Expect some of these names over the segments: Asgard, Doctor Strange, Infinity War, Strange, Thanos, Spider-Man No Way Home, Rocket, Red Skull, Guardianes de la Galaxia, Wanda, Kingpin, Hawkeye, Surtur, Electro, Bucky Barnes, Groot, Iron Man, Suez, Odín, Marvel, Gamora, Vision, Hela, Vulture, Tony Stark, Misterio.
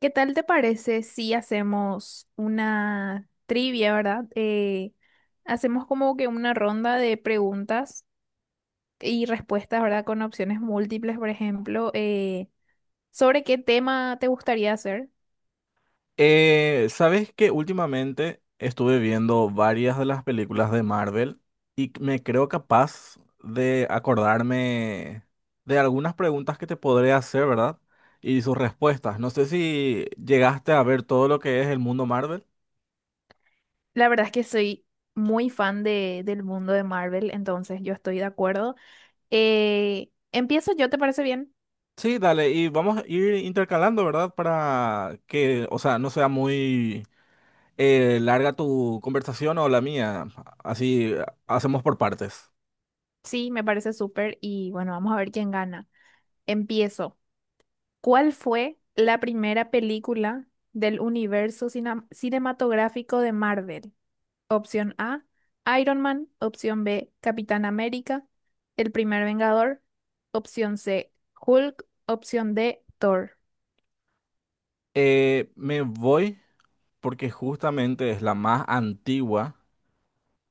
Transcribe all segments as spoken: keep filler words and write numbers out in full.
¿Qué tal te parece si hacemos una trivia, ¿verdad? Eh, hacemos como que una ronda de preguntas y respuestas, ¿verdad? Con opciones múltiples, por ejemplo, eh, sobre qué tema te gustaría hacer. Eh, ¿sabes que últimamente estuve viendo varias de las películas de Marvel y me creo capaz de acordarme de algunas preguntas que te podré hacer, verdad? Y sus respuestas. No sé si llegaste a ver todo lo que es el mundo Marvel. La verdad es que soy muy fan de, del mundo de Marvel, entonces yo estoy de acuerdo. Eh, empiezo yo, ¿te parece bien? Sí, dale, y vamos a ir intercalando, ¿verdad? Para que, o sea, no sea muy eh, larga tu conversación o la mía. Así hacemos por partes. Sí, me parece súper y bueno, vamos a ver quién gana. Empiezo. ¿Cuál fue la primera película del universo cina- cinematográfico de Marvel? Opción A, Iron Man. Opción B, Capitán América. El primer Vengador. Opción C, Hulk. Opción D, Thor. Eh, me voy porque justamente es la más antigua.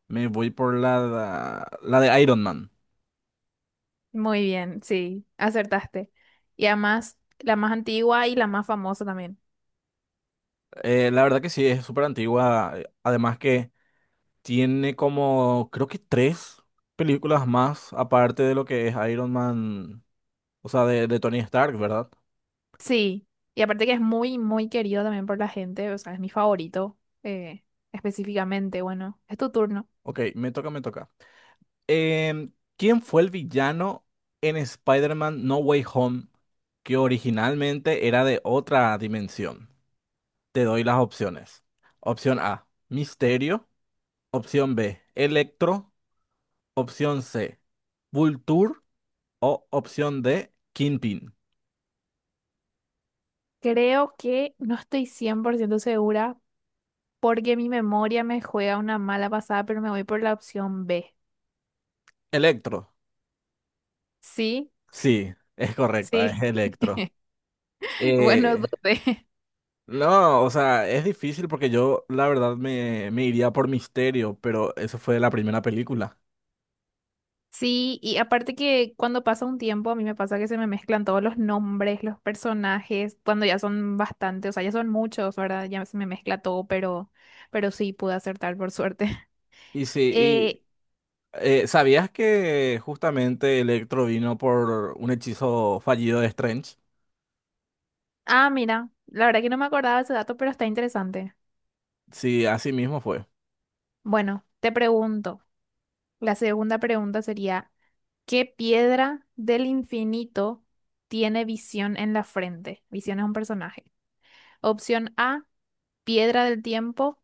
Me voy por la, la de Iron Man. Muy bien, sí, acertaste. Y además, la más antigua y la más famosa también. Eh, la verdad que sí, es súper antigua. eh, Además que tiene como, creo que tres películas más, aparte de lo que es Iron Man, o sea, de, de Tony Stark, ¿verdad? Sí, y aparte que es muy, muy querido también por la gente, o sea, es mi favorito, eh, específicamente. Bueno, es tu turno. Ok, me toca, me toca. Em, ¿Quién fue el villano en Spider-Man No Way Home que originalmente era de otra dimensión? Te doy las opciones. Opción A, Misterio. Opción B, Electro. Opción C, Vulture. O opción D, Kingpin. Creo que no estoy cien por ciento segura porque mi memoria me juega una mala pasada, pero me voy por la opción B. Electro. Sí, Sí, es correcta, es sí, Electro. bueno, Eh, dudé. no, o sea, es difícil porque yo la verdad me, me iría por Misterio, pero eso fue la primera película. Sí, y aparte que cuando pasa un tiempo, a mí me pasa que se me mezclan todos los nombres, los personajes, cuando ya son bastantes, o sea, ya son muchos, ¿verdad? Ya se me mezcla todo, pero, pero sí pude acertar por suerte. Y sí, y Eh, eh, ¿sabías que justamente Electro vino por un hechizo fallido de Strange? ah, mira, la verdad que no me acordaba de ese dato, pero está interesante. Sí, así mismo fue. Bueno, te pregunto, la segunda pregunta sería... ¿Qué piedra del infinito tiene visión en la frente? Visión es un personaje. Opción A, piedra del tiempo.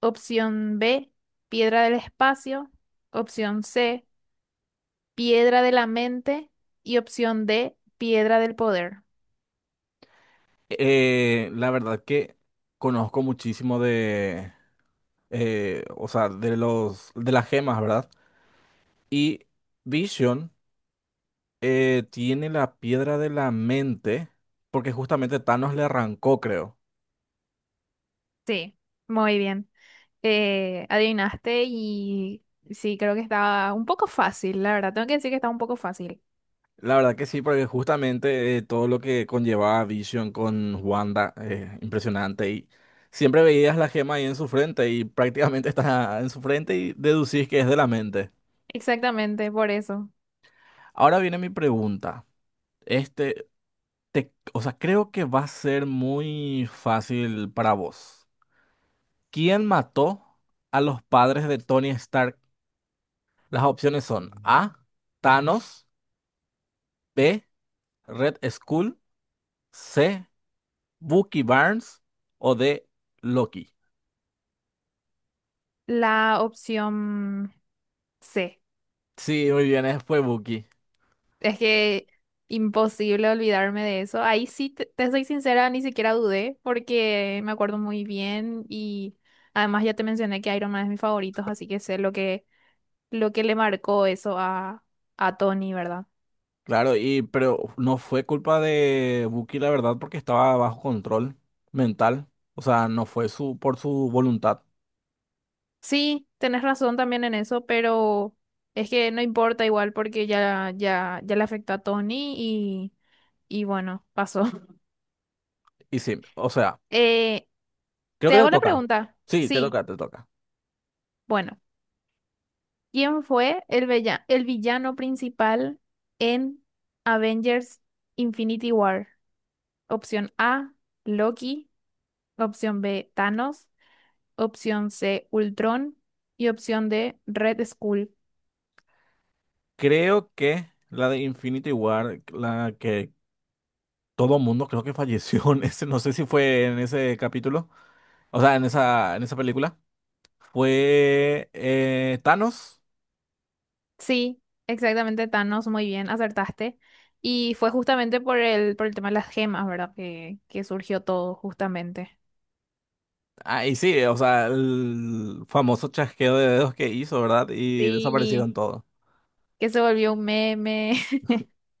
Opción B, piedra del espacio. Opción C, piedra de la mente. Y opción D, piedra del poder. Eh, la verdad que conozco muchísimo de eh, o sea, de los, de las gemas, ¿verdad? Y Vision eh, tiene la piedra de la mente, porque justamente Thanos le arrancó, creo. Sí, muy bien. Eh, adivinaste y sí, creo que estaba un poco fácil, la verdad. Tengo que decir que estaba un poco fácil. La verdad que sí, porque justamente eh, todo lo que conllevaba Vision con Wanda, eh, impresionante. Y siempre veías la gema ahí en su frente y prácticamente está en su frente y deducís que es de la mente. Exactamente, por eso. Ahora viene mi pregunta. Este, te, o sea, creo que va a ser muy fácil para vos. ¿Quién mató a los padres de Tony Stark? Las opciones son A. Thanos, B. Red Skull, C. Bucky Barnes o D. Loki. La opción C. Sí, muy bien, eh, fue Bucky. Es que imposible olvidarme de eso. Ahí sí, te, te soy sincera, ni siquiera dudé porque me acuerdo muy bien y además ya te mencioné que Iron Man es mi favorito, así que sé lo que, lo que le marcó eso a, a Tony, ¿verdad? Claro, y pero no fue culpa de Bucky, la verdad, porque estaba bajo control mental. O sea, no fue su por su voluntad. Sí, tenés razón también en eso, pero es que no importa igual porque ya, ya, ya le afectó a Tony y, y bueno, pasó. Y sí, o sea, Eh, creo Te que te hago la toca. pregunta. Sí, te Sí, toca, te toca. bueno. ¿Quién fue el, vella- el villano principal en Avengers Infinity War? Opción A, Loki. Opción B, Thanos. Opción C, Ultron. Y opción D, Red Skull. Creo que la de Infinity War, la que todo mundo creo que falleció en ese, no sé si fue en ese capítulo, o sea, en esa, en esa película. Fue eh, Thanos. Sí, exactamente Thanos, muy bien, acertaste. Y fue justamente por el, por el tema de las gemas, ¿verdad? Que, que surgió todo justamente. Ah, y sí, o sea, el famoso chasqueo de dedos que hizo, ¿verdad? Y Sí, desaparecieron todos. que se volvió un meme.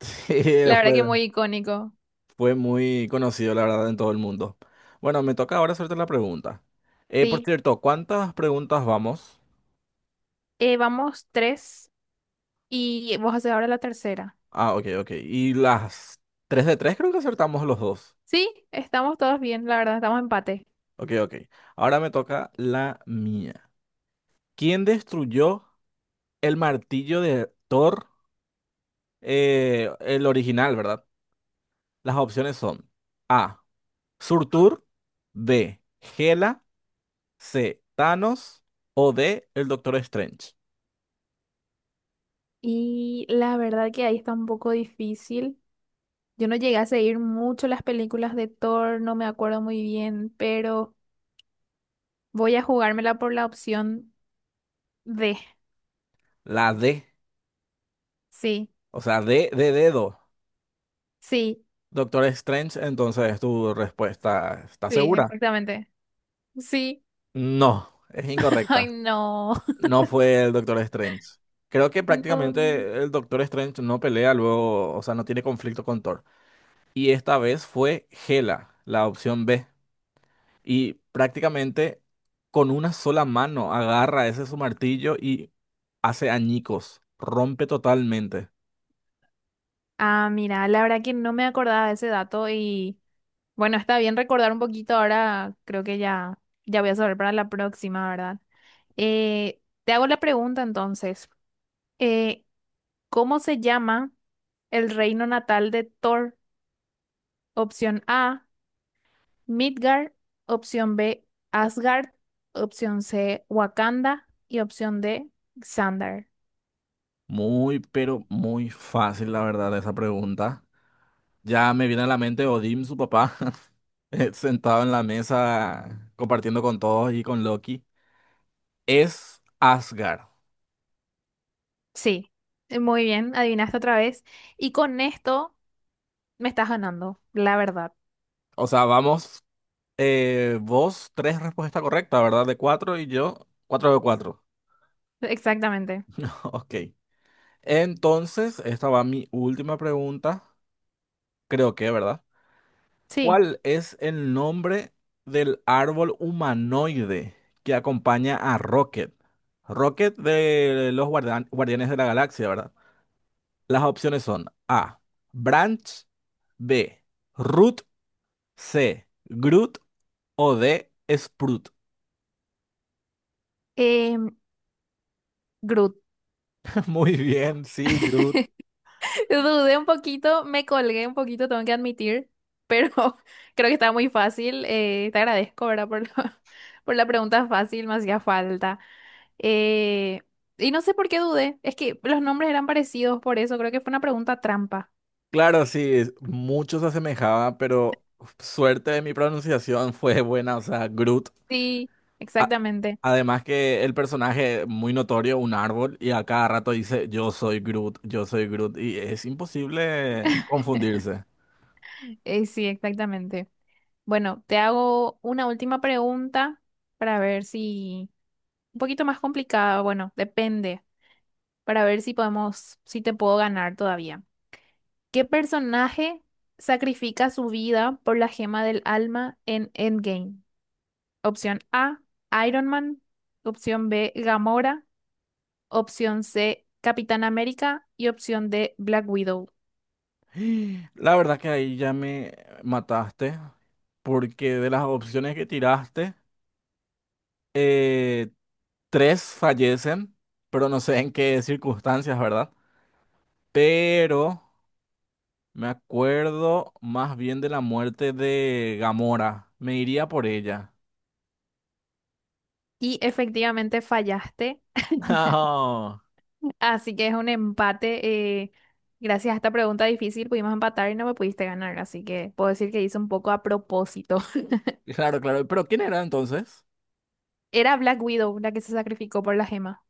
Sí, La verdad que fue, muy icónico. fue muy conocido, la verdad, en todo el mundo. Bueno, me toca ahora hacerte la pregunta. Eh, por Sí, cierto, ¿cuántas preguntas vamos? Eh, vamos tres. Y vos haces ahora la tercera. Ah, ok, ok. Y las tres de tres creo que acertamos los dos. Sí, estamos todos bien, la verdad, estamos empate. Ok, ok. Ahora me toca la mía. ¿Quién destruyó el martillo de Thor, eh, el original, verdad? Las opciones son A. Surtur, B. Hela, C. Thanos o D. El Doctor Strange. Y la verdad que ahí está un poco difícil. Yo no llegué a seguir mucho las películas de Thor, no me acuerdo muy bien, pero voy a jugármela por la opción D. La D, Sí, o sea, D de dedo. sí, Doctor Strange, entonces tu respuesta, ¿está sí, segura? exactamente. Sí. No, es incorrecta. Ay, no. No fue el Doctor Strange. Creo que No. prácticamente el Doctor Strange no pelea luego, o sea, no tiene conflicto con Thor. Y esta vez fue Gela, la opción B. Y prácticamente con una sola mano agarra ese su martillo y hace añicos, rompe totalmente. Ah, mira, la verdad que no me acordaba de ese dato y bueno, está bien recordar un poquito ahora, creo que ya, ya voy a saber para la próxima, ¿verdad? Eh, te hago la pregunta entonces. Eh, ¿cómo se llama el reino natal de Thor? Opción A, Midgard, opción B, Asgard, opción C, Wakanda y opción D, Xandar. Muy, pero muy fácil, la verdad, esa pregunta. Ya me viene a la mente Odín, su papá, eh, sentado en la mesa compartiendo con todos y con Loki. Es Asgard. Sí, eh, muy bien, adivinaste otra vez. Y con esto me estás ganando, la verdad. O sea, vamos, eh, vos tres respuestas correctas, ¿verdad? De cuatro y yo cuatro de cuatro. Exactamente. Ok. Entonces, esta va mi última pregunta, creo que, ¿verdad? Sí. ¿Cuál es el nombre del árbol humanoide que acompaña a Rocket? Rocket de los guardian- Guardianes de la Galaxia, ¿verdad? Las opciones son A, Branch, B, Root, C, Groot o D, Sprout. Eh, Muy bien, sí, Groot. Dudé un poquito, me colgué un poquito, tengo que admitir, pero creo que está muy fácil. Eh, te agradezco, ¿verdad? Por la, por la pregunta fácil, me hacía falta. Eh, y no sé por qué dudé, es que los nombres eran parecidos, por eso creo que fue una pregunta trampa. Claro, sí, es- mucho se asemejaba, pero suerte de mi pronunciación fue buena, o sea, Groot. Sí, A- exactamente. Además que el personaje muy notorio, un árbol, y a cada rato dice, yo soy Groot, yo soy Groot, y es imposible confundirse. Eh, sí, exactamente. Bueno, te hago una última pregunta para ver si... Un poquito más complicada, bueno, depende, para ver si podemos, si te puedo ganar todavía. ¿Qué personaje sacrifica su vida por la gema del alma en Endgame? Opción A, Iron Man. Opción B, Gamora. Opción C, Capitán América. Y opción D, Black Widow. La verdad que ahí ya me mataste, porque de las opciones que tiraste, eh, tres fallecen, pero no sé en qué circunstancias, ¿verdad? Pero me acuerdo más bien de la muerte de Gamora, me iría por ella. Y efectivamente fallaste. No, Así que es un empate. Eh, gracias a esta pregunta difícil pudimos empatar y no me pudiste ganar. Así que puedo decir que hice un poco a propósito. claro, claro, pero ¿quién era entonces? Era Black Widow la que se sacrificó por la gema.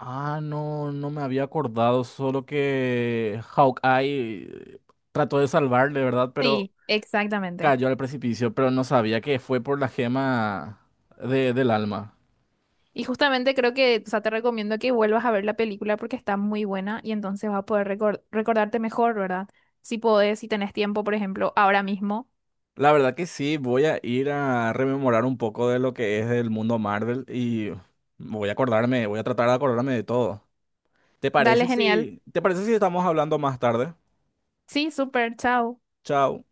Ah, no, no me había acordado, solo que Hawkeye trató de salvarle, ¿verdad? Pero Sí, exactamente. cayó al precipicio, pero no sabía que fue por la gema de- del alma. Y justamente creo que, o sea, te recomiendo que vuelvas a ver la película porque está muy buena y entonces vas a poder recor- recordarte mejor, ¿verdad? Si podés, si tenés tiempo, por ejemplo, ahora mismo. La verdad que sí, voy a ir a rememorar un poco de lo que es el mundo Marvel y voy a acordarme, voy a tratar de acordarme de todo. ¿Te Dale, parece genial. si, te parece si estamos hablando más tarde? Sí, súper, chao. Chao.